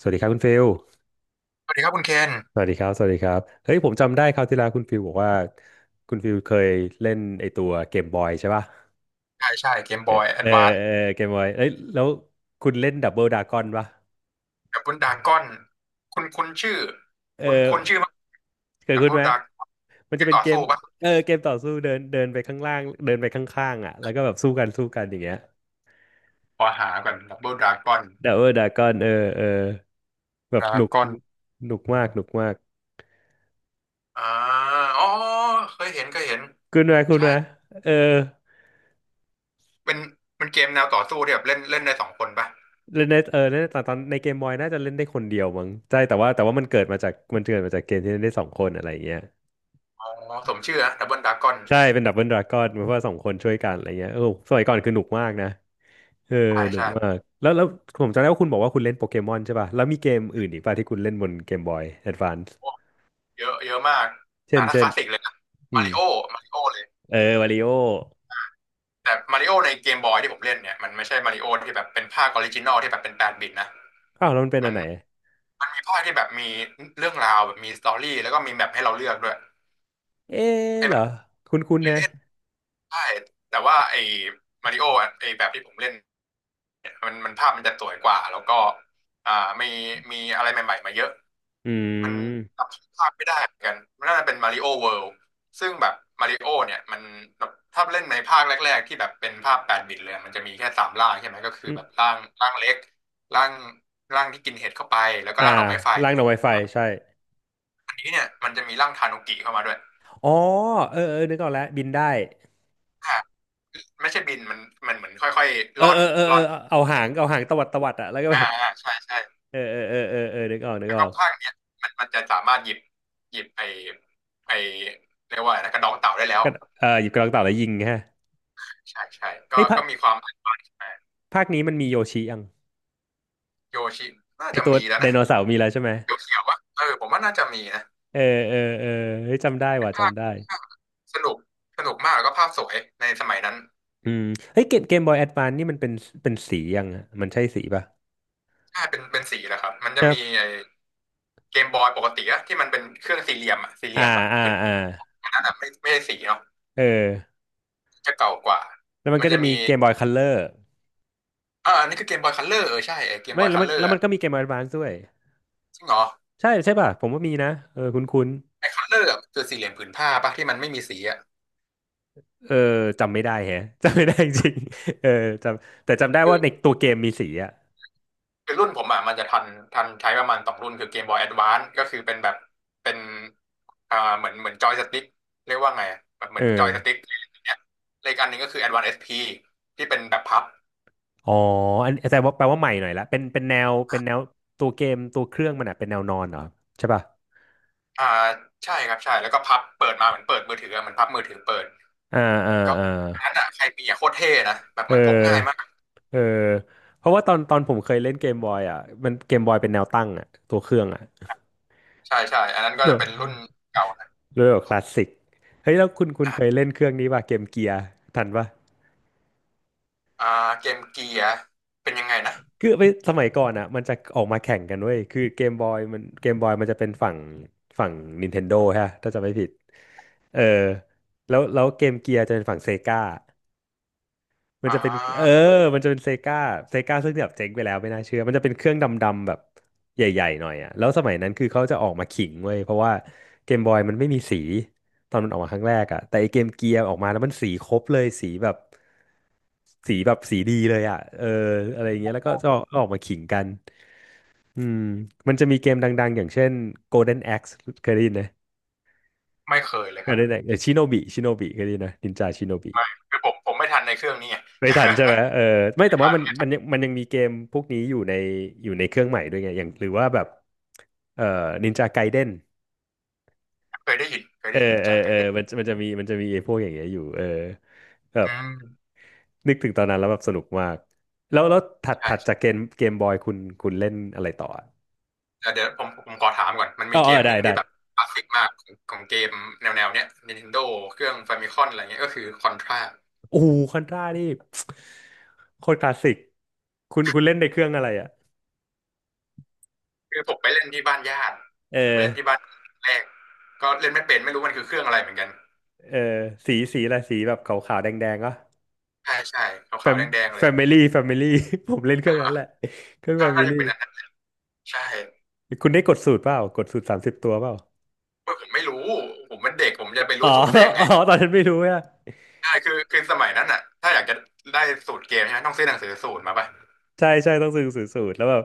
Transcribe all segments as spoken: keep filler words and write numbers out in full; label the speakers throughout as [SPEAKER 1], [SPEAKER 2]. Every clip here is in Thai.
[SPEAKER 1] สวัสดีครับคุณฟิล
[SPEAKER 2] สวัสดีครับคุณเคน
[SPEAKER 1] สวัสดีครับ สวัสดีครับเฮ้ยผมจำได้คราวที่แล้วคุณฟิลบอกว่าคุณฟิลเคยเล่นไอตัวเกมบอยใช่ป่ะ
[SPEAKER 2] ใช่ใช่เกม
[SPEAKER 1] เอ
[SPEAKER 2] บ
[SPEAKER 1] อ
[SPEAKER 2] อยแอ
[SPEAKER 1] เอ
[SPEAKER 2] ด
[SPEAKER 1] อ
[SPEAKER 2] วานซ์
[SPEAKER 1] เออเกมบอยเอ้ยแล้วคุณเล่นดับเบิลดากอนป่ะ
[SPEAKER 2] แบบบุนดากอนคุณคุณชื่อ
[SPEAKER 1] เอ
[SPEAKER 2] คุณคุณชื่อ
[SPEAKER 1] อ
[SPEAKER 2] มั้ย
[SPEAKER 1] เคย
[SPEAKER 2] แบบ
[SPEAKER 1] คุ้น
[SPEAKER 2] บุ
[SPEAKER 1] ไห
[SPEAKER 2] น
[SPEAKER 1] ม
[SPEAKER 2] ดากเ
[SPEAKER 1] มัน
[SPEAKER 2] ก
[SPEAKER 1] จะ
[SPEAKER 2] ม
[SPEAKER 1] เป็น
[SPEAKER 2] ต่อ
[SPEAKER 1] เกม
[SPEAKER 2] สู้ปะ
[SPEAKER 1] เออเกมต่อสู้เดินเดินไปข้างล่างเดินไปข้างๆอ่ะแล้วก็แบบสู้กันสู้กันอย่างเงี้ย
[SPEAKER 2] ขอหาก่อนดับบบุลดรากอน
[SPEAKER 1] ดับเบิลดากอนเออเออแบ
[SPEAKER 2] ด
[SPEAKER 1] บ
[SPEAKER 2] รา
[SPEAKER 1] หนุก
[SPEAKER 2] กอน
[SPEAKER 1] หนุกมากหนุกมาก
[SPEAKER 2] อ่าอ๋อเคยเห็นเคยเห็น
[SPEAKER 1] คุณไหมคุณ
[SPEAKER 2] ใช่
[SPEAKER 1] ไหมเออ
[SPEAKER 2] เป็นเป็นเกมแนวต่อสู้ที่แบบเล่นเล่นได้สองคนปะ
[SPEAKER 1] เล่นในเออเล่นในตอนตอนในเกมบอยน่าจะเล่นได้คนเดียวมั้งใช่แต่ว่าแต่ว่ามันเกิดมาจากมันเกิดมาจากเกมที่เล่นได้สองคนอะไรอย่างเงี้ย
[SPEAKER 2] อ๋อสมชื่อนะดับเบิลดรากอน
[SPEAKER 1] ใช่เป็นดับเบิลดราก้อนเพราะว่าสองคนช่วยกันอะไรเงี้ยเออสมัยก่อนคือหนุกมากนะเออ
[SPEAKER 2] ใช่
[SPEAKER 1] หนุก
[SPEAKER 2] ใช่
[SPEAKER 1] มากแล้วแล้วผมจำได้ว่าคุณบอกว่าคุณเล่นโปเกมอนใช่ป่ะแล้วมีเกมอื่นอีกป่ะที่คุณเล่นบนเกมบอยแอดวานซ์
[SPEAKER 2] โอ้เยอะเยอะมาก
[SPEAKER 1] เช่
[SPEAKER 2] อ่า
[SPEAKER 1] น
[SPEAKER 2] ถ้าค
[SPEAKER 1] เช่น
[SPEAKER 2] ลาสสิกเลยนะ
[SPEAKER 1] อื
[SPEAKER 2] มา
[SPEAKER 1] ม
[SPEAKER 2] ริโอมาริโอ
[SPEAKER 1] เออวาริโอ
[SPEAKER 2] แต่มาริโอในเกมบอยที่ผมเล่นเนี่ยมันไม่ใช่มาริโอที่แบบเป็นภาคออริจินอลที่แบบเป็นแปดบิตนะ
[SPEAKER 1] อ้าวแล้วมันเป็น
[SPEAKER 2] มั
[SPEAKER 1] อัน
[SPEAKER 2] น
[SPEAKER 1] ไหน
[SPEAKER 2] มันมีภาคที่แบบมีเรื่องราวแบบมีสตอรี่แล้วก็มีแบบให้เราเลือกด้วย
[SPEAKER 1] เอ๊ะ
[SPEAKER 2] ไอ้
[SPEAKER 1] เหร
[SPEAKER 2] แบ
[SPEAKER 1] อ
[SPEAKER 2] บ
[SPEAKER 1] คุณคุณ
[SPEAKER 2] เคย
[SPEAKER 1] นะ
[SPEAKER 2] เล่นได้แต่ว่าไอ้มาริโออะไอ้แบบที่ผมเล่นเนี่ยมันมันภาพมันจะสวยกว่าแล้วก็อ่ามีมีอะไรใหม่ๆมาเยอะ
[SPEAKER 1] อื
[SPEAKER 2] มัน
[SPEAKER 1] ม
[SPEAKER 2] จำชื่อภาคไม่ได้เหมือนกันมันน่าจะเป็นมาริโอเวิลด์ซึ่งแบบมาริโอเนี่ยมันบถ้าเล่นในภาคแรกๆที่แบบเป็นภาพแปดบิตเลยมันจะมีแค่สามร่างใช่ไหมก็คือ
[SPEAKER 1] อืม
[SPEAKER 2] แบบร่างร่างเล็กร่างร่างที่กินเห็ดเข้าไปแล้วก็
[SPEAKER 1] อ่า
[SPEAKER 2] ร่างดอกไม้ไฟ
[SPEAKER 1] ล่างหน่อไวไฟใช่
[SPEAKER 2] อันนี้เนี่ยมันจะมีร่างทานุกิเข้ามาด้วย
[SPEAKER 1] อ๋อเออเออนึกออกแล้วบินได้
[SPEAKER 2] อ่าไม่ใช่บินมันมันเหมือนค่อย
[SPEAKER 1] เอ
[SPEAKER 2] ๆ
[SPEAKER 1] อ
[SPEAKER 2] ล่อ
[SPEAKER 1] เอ
[SPEAKER 2] น
[SPEAKER 1] อเออ
[SPEAKER 2] ล่
[SPEAKER 1] เอ
[SPEAKER 2] อ
[SPEAKER 1] อ
[SPEAKER 2] น
[SPEAKER 1] เอาหางเอาหางตวัดตวัดอะแล้วก็
[SPEAKER 2] อ่า
[SPEAKER 1] แบบ
[SPEAKER 2] อ่าใช่ใช่
[SPEAKER 1] เออเออเออเออเออนึกออกนึก
[SPEAKER 2] แล้ว
[SPEAKER 1] อ
[SPEAKER 2] ก็
[SPEAKER 1] อก
[SPEAKER 2] ภาคเนี้ยมันมันจะสามารถหยิบหยิบไอไอเรียกว่าอะไรนะกระดองเต่าได้แล้ว
[SPEAKER 1] ก็เออหยิบกระรอกเต่าแล้วยิงฮะ
[SPEAKER 2] ใช่ใช่ก็
[SPEAKER 1] ไอ้ยภา
[SPEAKER 2] ก็
[SPEAKER 1] ค
[SPEAKER 2] มีความแตกต่าง
[SPEAKER 1] ภาคนี้มันมีโยชิยัง
[SPEAKER 2] โยชิน่า
[SPEAKER 1] ไอ้
[SPEAKER 2] จะ
[SPEAKER 1] ตัว
[SPEAKER 2] มีแล้ว
[SPEAKER 1] ได
[SPEAKER 2] นะ
[SPEAKER 1] โนเสาร์มีแล้วใช่ไหม
[SPEAKER 2] เขียวเขียวอะเออผมว่าน่าจะมีนะ
[SPEAKER 1] เออเออเออเฮ้ยจำได้ว่ะ
[SPEAKER 2] ภาพ
[SPEAKER 1] จำได้
[SPEAKER 2] ภาพสนุก สนุกมากแล้วก็ภาพสวยในสมัยนั้น
[SPEAKER 1] อืมเฮ้ยเกมเกมบอยแอดวานนี่มันเป็นเป็นสียังอะมันใช่สีป่ะ
[SPEAKER 2] ใช่เป็นเป็นสีแหล้ครับมัน
[SPEAKER 1] ค
[SPEAKER 2] จะ
[SPEAKER 1] รั
[SPEAKER 2] มี
[SPEAKER 1] บ
[SPEAKER 2] ไอ้เกมบอยปกติอะที่มันเป็นเครื่องสี่เหลี่ยมอะสี่เห
[SPEAKER 1] อ่า
[SPEAKER 2] ลี่ยมแบบ
[SPEAKER 1] อ่า
[SPEAKER 2] เป็น
[SPEAKER 1] อ่า
[SPEAKER 2] อันนั้นอะไม่ไม่ใช่สีเนาะ
[SPEAKER 1] เออ
[SPEAKER 2] จะเก่ากว่า
[SPEAKER 1] แล้วมัน
[SPEAKER 2] มั
[SPEAKER 1] ก็
[SPEAKER 2] นจะ
[SPEAKER 1] จะมี
[SPEAKER 2] มี
[SPEAKER 1] เกมบอยคัลเลอร์
[SPEAKER 2] อ่าอันนี้คือเกมบอยคัลเลอร์เออใช่ไอ้เกมบ
[SPEAKER 1] ไม่
[SPEAKER 2] อย
[SPEAKER 1] แล้ว
[SPEAKER 2] คัล
[SPEAKER 1] มัน
[SPEAKER 2] เลอร์
[SPEAKER 1] แล้วมั
[SPEAKER 2] อะ
[SPEAKER 1] นก็มีเกมบอยแอดวานซ์ด้วย
[SPEAKER 2] จริงเหรอ
[SPEAKER 1] ใช่ใช่ป่ะผมว่ามีนะเออคุ้นคุ้น
[SPEAKER 2] ไอ้คัลเลอร์อะมันคือสี่เหลี่ยมผืนผ้าปะที่มันไม่มีสีอะ
[SPEAKER 1] เออจำไม่ได้แฮะ จำไม่ได้จริง ๆเออจำแต่จำได้ว่าในตัวเกมมีสีอ่ะ
[SPEAKER 2] คือรุ่นผมอ่ะมันจะทันทันใช้ประมาณสองรุ่นคือเกมบอยแอดวานซ์ก็คือเป็นแบบเป็นอ่าเหมือนเหมือนจอยสติ๊กเรียกว่าไงอะแบบเหมื
[SPEAKER 1] เอ
[SPEAKER 2] อ
[SPEAKER 1] อ
[SPEAKER 2] นจอยสติ๊กเนี่ยและอีกอันหนึ่งก็คือแอดวานซ์เอสพีที่เป็นแบบพับ
[SPEAKER 1] อ๋ออันแต่ว่าแปลว่าใหม่หน่อยละเป็นเป็นแนวเป็นแนวตัวเกมตัวเครื่องมันอ่ะเป็นแนวนอนเหรอใช่ป่ะ
[SPEAKER 2] อ่าใช่ครับใช่แล้วก็พับเปิดมาเหมือนเปิดมือถืออะเหมือนพับมือถือเปิด
[SPEAKER 1] อ่าอ่า
[SPEAKER 2] ก็
[SPEAKER 1] อ่า
[SPEAKER 2] อันนั้นอ่ะใครมีอ่ะโคตรเท่นะแบบ
[SPEAKER 1] เออ
[SPEAKER 2] มันพกง่ายมาก
[SPEAKER 1] เออเพราะว่าตอนตอนผมเคยเล่นเกมบอยอ่ะมันเกมบอยเป็นแนวตั้งอ่ะตัวเครื่องอ่ะ
[SPEAKER 2] ใช่ใช่อันนั้นก็
[SPEAKER 1] เน
[SPEAKER 2] จะ
[SPEAKER 1] อะ
[SPEAKER 2] เป็นรุ่นเก่านะ
[SPEAKER 1] เลยแบบคลาสสิกเฮ้ยแล้วคุณคุณ
[SPEAKER 2] อ่ะ
[SPEAKER 1] เคยเล่นเครื่องนี้ป่ะเกมเกียร์ทันป่ะ
[SPEAKER 2] อ่าเกมเกียร์เป็นยังไงนะ
[SPEAKER 1] คือไปสมัยก่อนอ่ะมันจะออกมาแข่งกันเว้ยคือเกมบอยมันเกมบอยมันจะเป็นฝั่งฝั่ง Nintendo ฮะถ้าจำไม่ผิดเออแล้วแล้วเกมเกียร์จะเป็นฝั่งเซกา มัน
[SPEAKER 2] อ่
[SPEAKER 1] จะเป็นเออ
[SPEAKER 2] า
[SPEAKER 1] มันจะเป็นเซกาเซกาซึ่งแบบเจ๊งไปแล้วไม่น่าเชื่อ มันจะเป็นเครื่องดำๆแบบใหญ่ๆหน่อยอ่ะแล้วสมัยนั้นคือเขาจะออกมาขิงเว้ยเพราะว่าเกมบอยมันไม่มีสีตอนมันออกมาครั้งแรกอ่ะแต่ไอเกมเกียร์ออกมาแล้วมันสีครบเลยสีแบบสีแบบสีดีเลยอ่ะเอออะไรอย่างเงี้ยแล้วก็จะออกมาขิงกันอืมมันจะมีเกมดังๆอย่างเช่น Golden Axe เคยได้ยินไหม
[SPEAKER 2] ไม่เคยเลยครั
[SPEAKER 1] Golden
[SPEAKER 2] บ
[SPEAKER 1] Axe ชิโนบิชิโนบิเคยได้ยินไหมนินจาชิโนบิ
[SPEAKER 2] ไม่คือผมผมไม่ทันในเครื่องนี้ไง
[SPEAKER 1] ไม่ทันใช่ไหมเออไม่แต่ว่ามัน มันยังมันยังมีเกมพวกนี้อยู่ในอยู่ในเครื่องใหม่ด้วยไงอย่างหรือว่าแบบเอ่อนินจาไกเด้น
[SPEAKER 2] เคยได้ยินเคย
[SPEAKER 1] เอ
[SPEAKER 2] ได้
[SPEAKER 1] อ
[SPEAKER 2] ยินนิน
[SPEAKER 1] เออ
[SPEAKER 2] จา
[SPEAKER 1] เอ
[SPEAKER 2] ไก่
[SPEAKER 1] อ
[SPEAKER 2] เด้ง
[SPEAKER 1] มันมันจะมีมันจะมีไอ้พวกอย่างเงี้ยอยู่เออแบบ
[SPEAKER 2] อืม
[SPEAKER 1] นึกถึงตอนนั้นแล้วแบบสนุกมากแล้วแล้วถัด
[SPEAKER 2] ใช่
[SPEAKER 1] ถัดจากเกมเกมบอยคุณคุณเล่นอะไรต่ออะ
[SPEAKER 2] แต่เดี๋ยวผมผมขอถามก่อนมัน
[SPEAKER 1] อ๋อ
[SPEAKER 2] มีเก
[SPEAKER 1] เออ
[SPEAKER 2] มห
[SPEAKER 1] ได้
[SPEAKER 2] นึ่ง
[SPEAKER 1] ได้
[SPEAKER 2] ที่แบบคลาสสิกมากของของเกมแนวแนวเนี้ย Nintendo เครื่อง Famicom อะไรเงี้ยก็คือ Contra
[SPEAKER 1] โอ้คอนทรานี่ โคตรคลาสสิกคุณคุณเล่นในเครื่องอะไรอ่ะ
[SPEAKER 2] คือผมไปเล่นที่บ้านญาติ
[SPEAKER 1] เอ
[SPEAKER 2] ผมไปเล่นที่
[SPEAKER 1] อ
[SPEAKER 2] บ้านแรกก็เล่นไม่เป็นไม่รู้มันคือเครื่องอะไรเหมือนกัน
[SPEAKER 1] เออสีสีอะไรสีแบบขาวๆแดงๆก็
[SPEAKER 2] ใช่ใช่ขาว
[SPEAKER 1] แฟ
[SPEAKER 2] ขาว
[SPEAKER 1] ม
[SPEAKER 2] แดงแดงๆเล
[SPEAKER 1] แฟ
[SPEAKER 2] ย
[SPEAKER 1] มิลี่แฟมิลี่ ผมเล่นเครื่องนั้นแหละเครื่องแฟ
[SPEAKER 2] ถ้าถ้า
[SPEAKER 1] มิ
[SPEAKER 2] จะ
[SPEAKER 1] ลี่
[SPEAKER 2] เป็นอันนั้นใช่
[SPEAKER 1] คุณได้กดสูตรเปล่ากดสูตรสามสิบตัวเปล่า
[SPEAKER 2] เว้ยผมไม่รู้ผมเป็นเด็กผมจะไป
[SPEAKER 1] อ๋อ
[SPEAKER 2] รู้สูตรได้ยัง ไง
[SPEAKER 1] อ๋อตอนนั้นไม่รู้อะ
[SPEAKER 2] ใช่คือคือสมัยนั้นอ่ะถ้าอยากจะได้สูตรเกมใช่ไหมต้องซื้อหนังสือสูตรมาป่ะ
[SPEAKER 1] ใช่ใช่ต้องซื้อสูตรสูตรแล้วแบบ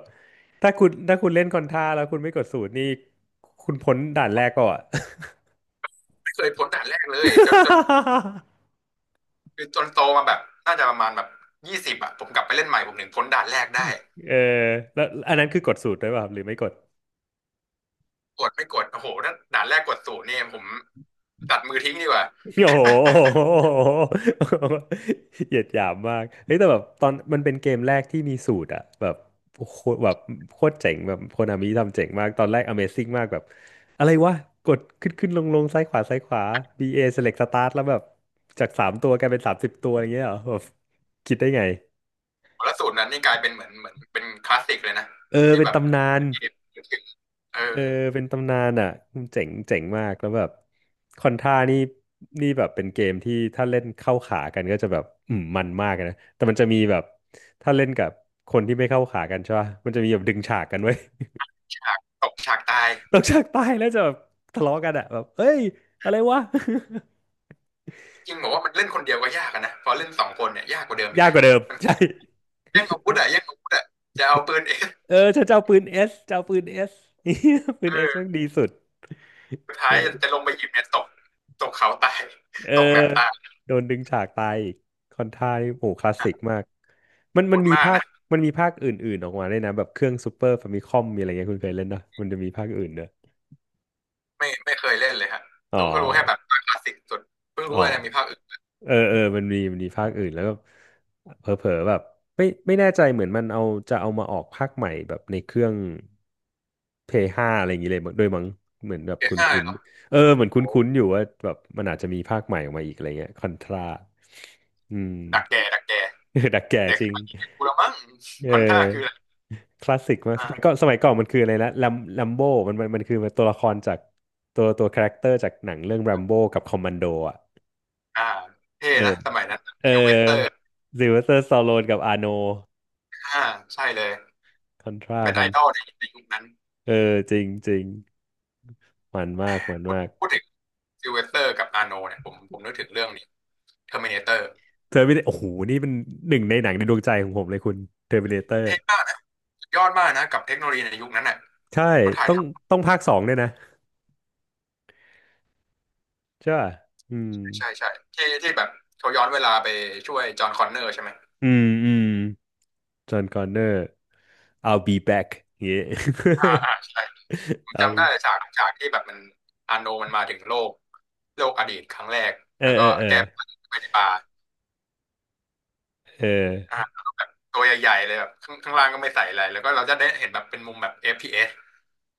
[SPEAKER 1] ถ้าคุณถ้าคุณเล่นคอนท่าแล้วคุณไม่กดสูตรนี่คุณพ้นด่านแรกก่อน
[SPEAKER 2] ไม่เคยพ้นด่านแรกเลยจนจน คือจนโตมาแบบน่าจะประมาณแบบยี่สิบอะผมกลับไปเล่นใหม่ผมถึงพ้นด่านแรกได้
[SPEAKER 1] เออแล้วอันนั้นคือกดสูตรด้วยเปล่าครับหรือไม่กด
[SPEAKER 2] กดไม่กดโอ้โหถ้าด่านแรกกดศูนย์เนี่ยผมตัดมือทิ้งดีกว่า
[SPEAKER 1] โอ้โห เหยียดหยามมากเฮ้ยแต่แบบตอนมันเป็นเกมแรกที่มีสูตรอะแบบโคตรแบบโคตรเจ๋งแบบโคนามิทำเจ๋งมากตอนแรก Amazing มากแบบอะไรวะกดขึ้นขึ้นลงลงซ้ายขวาซ้ายขวา บี เอ Select Start แล้วแบบจากสามตัวกลายเป็นสามสิบตัวอย่างเงี้ยเหรอแบบคิดได้ไง
[SPEAKER 2] แล้วสูนรนั้นนี่กลายเป็นเหมือนเหมือนเป็นคลาสสิกเลยนะ
[SPEAKER 1] เออ
[SPEAKER 2] ที่
[SPEAKER 1] เป็น
[SPEAKER 2] แบบ
[SPEAKER 1] ตำนาน
[SPEAKER 2] เอ
[SPEAKER 1] เออ
[SPEAKER 2] อ
[SPEAKER 1] เป็นตำนานอ่ะเจ๋งเจ๋งมากแล้วแบบคอนท่านี่นี่แบบเป็นเกมที่ถ้าเล่นเข้าขากันก็จะแบบอืมมันมากนะแต่มันจะมีแบบถ้าเล่นกับคนที่ไม่เข้าขากันใช่ป่ะมันจะมีแบบดึงฉากกันไว้ย
[SPEAKER 2] ฉากตกฉากตาย
[SPEAKER 1] ตกฉากตายแล้วจะแบบทะเลาะกันอ่ะแบบเอ้ยอะไรวะ
[SPEAKER 2] จริงบอกว่ามันเล่นคนเดียวก็ยากอะนะพอเล่นสองคนเนี่ยยากกว่าเดิม อีก
[SPEAKER 1] ยากก
[SPEAKER 2] นะ
[SPEAKER 1] ว่าเดิม
[SPEAKER 2] มัน
[SPEAKER 1] ใช่
[SPEAKER 2] แย่งอาวุธอะแย่งอาวุธอะจะเอาปืนเอง
[SPEAKER 1] เออฉันจะเอาปืนเอสจะเอาปืนเอส ปืนเอสแม่
[SPEAKER 2] เออ
[SPEAKER 1] งดีสุด
[SPEAKER 2] สุดท้ายจะลงไปหยิบเนี่ยตกตกเขาตาย
[SPEAKER 1] เออ
[SPEAKER 2] ตกแมปตาย
[SPEAKER 1] โดนดึงฉากตายอีกคอนไทายโหคลาสสิกมากมัน
[SPEAKER 2] โห
[SPEAKER 1] มัน
[SPEAKER 2] ด
[SPEAKER 1] มี
[SPEAKER 2] มาก
[SPEAKER 1] ภาค
[SPEAKER 2] นะ
[SPEAKER 1] มันมีภาคอื่นๆออกมาด้วยนะแบบเครื่องซูเปอร์ฟามิคอมมีอะไรเงี้ยคุณเคยเล่นนะมันจะมีภาคอื่นเนอะ
[SPEAKER 2] ไม่ไม่เคยเล่นเลยฮะ
[SPEAKER 1] อ๋อ
[SPEAKER 2] รู้ก็รู้แค่แบบภาคคลาสสิกสุดเพิ่ง
[SPEAKER 1] อ๋
[SPEAKER 2] รู้
[SPEAKER 1] อ
[SPEAKER 2] ว่านะมีภาคอื่น
[SPEAKER 1] เออเออมันมีมันมีภาคอื่นแล้วก็เผลอๆแบบไม่ไม่แน่ใจเหมือนมันเอาจะเอามาออกภาคใหม่แบบในเครื่อง Play ห้าอะไรอย่างงี้เลยมั้งด้วยมั้งเหมือนแบบ
[SPEAKER 2] เอ
[SPEAKER 1] คุ
[SPEAKER 2] ห้าเล
[SPEAKER 1] ้
[SPEAKER 2] ย
[SPEAKER 1] น
[SPEAKER 2] เหรอ
[SPEAKER 1] ๆเออเหมือนคุ
[SPEAKER 2] โอ้
[SPEAKER 1] ้นๆอยู่ว่าแบบมันอาจจะมีภาคใหม่ออกมาอีกอะไรเงี้ยคอนทราอืม
[SPEAKER 2] ดักแก่ดักแก่
[SPEAKER 1] เออดักแก่
[SPEAKER 2] เด็ก
[SPEAKER 1] จ
[SPEAKER 2] ส
[SPEAKER 1] ริง
[SPEAKER 2] มัยนี้กูละมั้ง
[SPEAKER 1] เอ
[SPEAKER 2] คอนท่าคืออะ
[SPEAKER 1] อ
[SPEAKER 2] ไร
[SPEAKER 1] คลาสสิกมากสมัย
[SPEAKER 2] อ่า
[SPEAKER 1] ก่อนสมัยก่อนมันคืออะไรนะลัมลัมโบมันมันมันคือตัวละครจากตัวตัวคาแรคเตอร์จากหนังเรื่อง r รมโบกับคอมมานโดอ่ะ
[SPEAKER 2] อ่าเท่
[SPEAKER 1] เอ
[SPEAKER 2] นะ
[SPEAKER 1] อ
[SPEAKER 2] สมัยนั้น
[SPEAKER 1] เออ
[SPEAKER 2] ซิลเวสเตอร์
[SPEAKER 1] ซิลเวสเตอร์สตาโลนกับอาโน
[SPEAKER 2] อ่าใช่เลย
[SPEAKER 1] คอนทรา
[SPEAKER 2] เป็น
[SPEAKER 1] ค
[SPEAKER 2] ไอ
[SPEAKER 1] อน
[SPEAKER 2] ดอลในในยุคนั้น
[SPEAKER 1] เออจริงจริงมัน
[SPEAKER 2] แหม
[SPEAKER 1] มากมันมาก
[SPEAKER 2] พูดถึงซิลเวสเตอร์กับอาโนเนี่ยผมผมนึกถึงเรื่องนี้เทอร์มินาเตอร์
[SPEAKER 1] เทอร์มินโอ้โหนี่เป็นหนึ่งในหนังในดวงใจของผมเลยคุณเทอร์มินเตอร์
[SPEAKER 2] เท่มากนะสุดยอดมากนะกับเทคโนโลยีในยุคนั้นน่ะ
[SPEAKER 1] ใช่
[SPEAKER 2] เขาถ่าย
[SPEAKER 1] ต้อ
[SPEAKER 2] ท
[SPEAKER 1] งต้องภาคสองด้วยนะใช่ป่ะอืม
[SPEAKER 2] ำใช่ใช่ที่ที่แบบเขาย้อนเวลาไปช่วยจอห์นคอนเนอร์ใช่ไหม
[SPEAKER 1] อืมอืม จอห์นคอนเนอร์ I'll be back อย่างเงี้ย
[SPEAKER 2] อ่าอ่าใช่ ผม
[SPEAKER 1] I'll
[SPEAKER 2] จำได้
[SPEAKER 1] be
[SPEAKER 2] ฉากฉากที่แบบมันอาโนมันมาถึงโลกโลกอดีตครั้งแรก
[SPEAKER 1] เออ
[SPEAKER 2] แล้ว
[SPEAKER 1] เอ
[SPEAKER 2] ก็
[SPEAKER 1] อเออ
[SPEAKER 2] แก้ผ้าไปในบาร์
[SPEAKER 1] เอ
[SPEAKER 2] อ่ะ
[SPEAKER 1] อ
[SPEAKER 2] ตัวใหญ่ๆเลยแบบข้างข้างล่างก็ไม่ใส่อะไรแล้วก็เราจะได้เห็นแบบเป็นมุมแบบ เอฟ พี เอส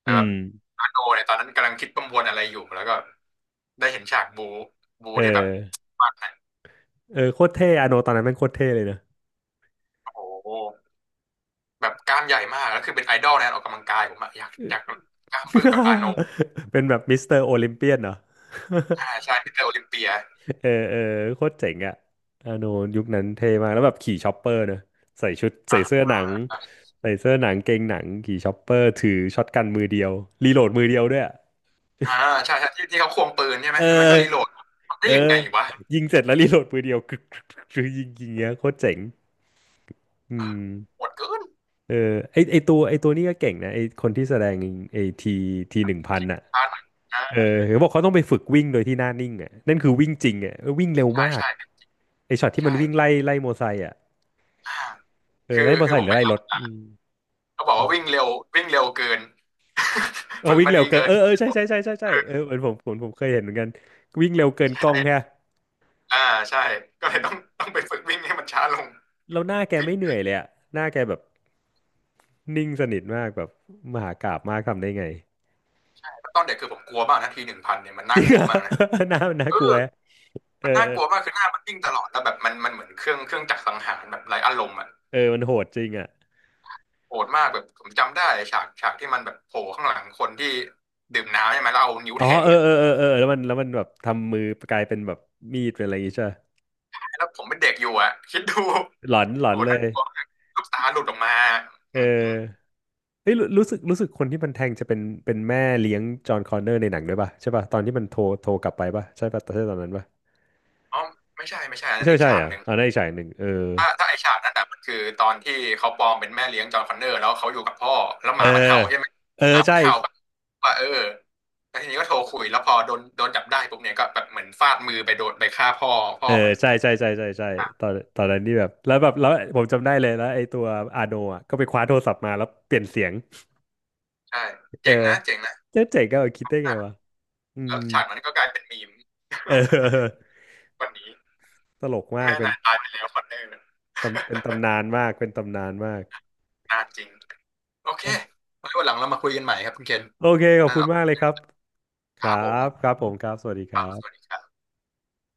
[SPEAKER 2] แต่
[SPEAKER 1] อื
[SPEAKER 2] แบบ
[SPEAKER 1] ม
[SPEAKER 2] อาโนเนี่ยตอนนั้นกำลังคิดประมวลอะไรอยู่แล้วก็ได้เห็นฉากบูบู
[SPEAKER 1] เออ
[SPEAKER 2] ที่แบบมากนะ
[SPEAKER 1] เออโคตรเท่อาโนตอนนั้นแม่งโคตรเท่เลยนะ
[SPEAKER 2] โอ้โหแบบกล้ามใหญ่มากแล้วคือเป็นไอดอลในการออกกำลังกายผมอะอยากอยากกล้ามบึ้งแบบอาโน
[SPEAKER 1] เป็นแบบมิสเตอร์โอลิมเปียนเหรอ
[SPEAKER 2] อ่าใช่ มิสเตอร์โอลิมเปีย
[SPEAKER 1] เออเออโคตรเจ๋งอะอาโนยุคนั้นเท่มากแล้วแบบขี่ชอปเปอร์เนอะใส่ชุดใส่
[SPEAKER 2] อ่ะ
[SPEAKER 1] เสื้อหนังใส่เสื้อหนังเกงหนังขี่ชอปเปอร์ถือช็อตกันมือเดียวรีโหลดมือเดียวด้วยอะ
[SPEAKER 2] อ่าใช่ใช่ที่ที่เขาควงปืนใช่ไหม
[SPEAKER 1] เออ
[SPEAKER 2] มันก็รีโหลดทำได้
[SPEAKER 1] เออ
[SPEAKER 2] ยังไงวะ
[SPEAKER 1] ยิงเสร็จแล้วรีโหลดปืนเดียวกึกกึกกึกกึกยิงยิงเงี้ยโคตรเจ๋งอื
[SPEAKER 2] เออ
[SPEAKER 1] ม
[SPEAKER 2] โหดเกิน
[SPEAKER 1] เออไอไอตัวไอตัวนี้ก็เก่งนะไอคนที่แสดงไอทีทีหนึ่งพันอ่ะ
[SPEAKER 2] ช้าหน่อย
[SPEAKER 1] เออ
[SPEAKER 2] อ่า
[SPEAKER 1] เขาบอกเขาต้องไปฝึกวิ่งโดยที่หน้านิ่งอ่ะนั่นคือวิ่งจริงอ่ะเออวิ่งเร็ว
[SPEAKER 2] ใช่
[SPEAKER 1] มาก
[SPEAKER 2] ใช่
[SPEAKER 1] ไอช็อตที่มัน
[SPEAKER 2] ใช่
[SPEAKER 1] วิ่งไล่ไล่มอไซค์อ่ะ
[SPEAKER 2] อ่า
[SPEAKER 1] เออ
[SPEAKER 2] คือ
[SPEAKER 1] ไล่มอ
[SPEAKER 2] คือ
[SPEAKER 1] ไซ
[SPEAKER 2] ผ
[SPEAKER 1] ค์ห
[SPEAKER 2] ม
[SPEAKER 1] รื
[SPEAKER 2] ไป
[SPEAKER 1] อไล่
[SPEAKER 2] อ่า
[SPEAKER 1] รถ
[SPEAKER 2] น
[SPEAKER 1] อืม
[SPEAKER 2] เขาบอก
[SPEAKER 1] อื
[SPEAKER 2] ว่าวิ่ง
[SPEAKER 1] ม
[SPEAKER 2] เร็ววิ่งเร็วเกิน
[SPEAKER 1] เอา
[SPEAKER 2] ฝึก
[SPEAKER 1] วิ่ง
[SPEAKER 2] มา
[SPEAKER 1] เร็ว
[SPEAKER 2] ดี
[SPEAKER 1] เกิน
[SPEAKER 2] เกิ
[SPEAKER 1] เอ
[SPEAKER 2] น
[SPEAKER 1] อเออใช่ใช่ใช่ใช่ใช่
[SPEAKER 2] เอ
[SPEAKER 1] เอ
[SPEAKER 2] อ
[SPEAKER 1] อเหมือนผมผมผมเคยเห็นเหมือนกัน วิ่งเร็วเกินกล้องแค่
[SPEAKER 2] ใช่อ่าใช่ก็เลยต้องต้องไปฝึกวิ่งให้มันช้าลง
[SPEAKER 1] แล้วหน้าแก
[SPEAKER 2] ฟิต
[SPEAKER 1] ไม่เหนื่อยเลยอ่ะหน้าแกแบบนิ่งสนิทมากแบบมหากาพย์มากทำได้ไง
[SPEAKER 2] ตอนเด็กคือผมกลัวมากนะทีหนึ่งพันเนี่ยมัน
[SPEAKER 1] จ
[SPEAKER 2] น่า
[SPEAKER 1] ริง
[SPEAKER 2] ก
[SPEAKER 1] เห
[SPEAKER 2] ลั
[SPEAKER 1] ร
[SPEAKER 2] ว
[SPEAKER 1] อ
[SPEAKER 2] มากนะ
[SPEAKER 1] น่าน่า
[SPEAKER 2] เออ
[SPEAKER 1] กลัวเออ
[SPEAKER 2] มันน่า
[SPEAKER 1] เออ
[SPEAKER 2] กลัวมากคือหน้ามันวิ่งตลอดแล้วแบบมันมันเหมือนเครื่องเครื่องจักรสังหารแบบไร้อารมณ์อะ
[SPEAKER 1] เออมันโหดจริงอ่ะ
[SPEAKER 2] โหดมากแบบผมจำได้ฉากฉากที่มันแบบโผล่ข้างหลังคนที่ดื่มน้ำใช่ไหมแล้วเอานิ้ว
[SPEAKER 1] อ๋อ
[SPEAKER 2] แทง
[SPEAKER 1] เออ
[SPEAKER 2] อ่ะ
[SPEAKER 1] เออเออเออแล้วมันแล้วมันแบบทำมือกลายเป็นแบบมีดเป็นอะไรอย่างงี้ใช่ปะ
[SPEAKER 2] แล้วผมเป็นเด็กอยู่อ่ะคิดดู
[SPEAKER 1] หลอนหล
[SPEAKER 2] โห
[SPEAKER 1] อนเล
[SPEAKER 2] น่า
[SPEAKER 1] ย
[SPEAKER 2] กลัวมากลูกตาหลุดออกมา
[SPEAKER 1] เอ
[SPEAKER 2] อืม
[SPEAKER 1] อเฮ้ยรู้รู้สึกรู้สึกคนที่มันแทงจะเป็นเป็นแม่เลี้ยงจอห์นคอนเนอร์ในหนังด้วยป่ะใช่ป่ะตอนที่มันโทรโทรกลับไปป่ะใช่ป่ะใช่ตอนนั้นป่ะ
[SPEAKER 2] อ๋อไม่ใช่ไม่ใช่อัน
[SPEAKER 1] ไม่
[SPEAKER 2] นั้น
[SPEAKER 1] ใช่
[SPEAKER 2] อี
[SPEAKER 1] ไม่
[SPEAKER 2] ก
[SPEAKER 1] ใช่
[SPEAKER 2] ฉา
[SPEAKER 1] เหร
[SPEAKER 2] ก
[SPEAKER 1] อ่ะ
[SPEAKER 2] หนึ่ง
[SPEAKER 1] อ่าในอีกฉากหนึ่งเออ
[SPEAKER 2] ถ้าถ้าไอฉากนั้นอ่ะมันคือตอนที่เขาปลอมเป็นแม่เลี้ยงจอห์นคอนเนอร์แล้วเขาอยู่กับพ่อแล้วห
[SPEAKER 1] เออ
[SPEAKER 2] มามันเห่าใช่ไหม
[SPEAKER 1] เออ
[SPEAKER 2] หมามั
[SPEAKER 1] ใช่
[SPEAKER 2] นเห่าแบบว่าเออแล้วทีนี้ก็โทรคุยแล้วพอโดนโดนจับได้ปุ๊บเนี่ยก็แบบเหมือนฟาดมือไปโดนไปฆ่าพ่อพ่
[SPEAKER 1] เอ
[SPEAKER 2] อ
[SPEAKER 1] อ
[SPEAKER 2] มัน
[SPEAKER 1] ใช่ใช่ใช่ใช่ใช่
[SPEAKER 2] อ่ะ
[SPEAKER 1] ตอนตอนนั้นนี่แบบแล้วแบบแล้วผมจำได้เลยแล้วไอ้ตัวอาโนอ่ะก็ไปคว้าโทรศัพท์มาแล้วเปลี่ยนเสียง
[SPEAKER 2] ใช่
[SPEAKER 1] เออ
[SPEAKER 2] เจ๋งนะเจ๋งนะ
[SPEAKER 1] เจ๊เจ๋งก็เอาคิดได้ไงวะ อื
[SPEAKER 2] แล้
[SPEAKER 1] ม
[SPEAKER 2] วฉากนั้นก็กลายเป็นมีม
[SPEAKER 1] เออ
[SPEAKER 2] วันนี้
[SPEAKER 1] ตลกมาก
[SPEAKER 2] แม่
[SPEAKER 1] เป็น
[SPEAKER 2] นายตายไปแล้วคอนเนอร์
[SPEAKER 1] ตำเป็นตำนาน มาก เป็นตำนานมาก
[SPEAKER 2] นานจริงโอเคไว้วันหลังเรามาคุยกันใหม่ครับคุณเคน
[SPEAKER 1] โอเค ขอบ
[SPEAKER 2] ได้
[SPEAKER 1] คุ
[SPEAKER 2] แล้
[SPEAKER 1] ณ
[SPEAKER 2] ว
[SPEAKER 1] มากเลยครับ ค
[SPEAKER 2] ค
[SPEAKER 1] รั
[SPEAKER 2] รับผม
[SPEAKER 1] บ ครับผมครับ สวัสดีค
[SPEAKER 2] ครั
[SPEAKER 1] รั
[SPEAKER 2] บสวัส
[SPEAKER 1] บ
[SPEAKER 2] ดีครับ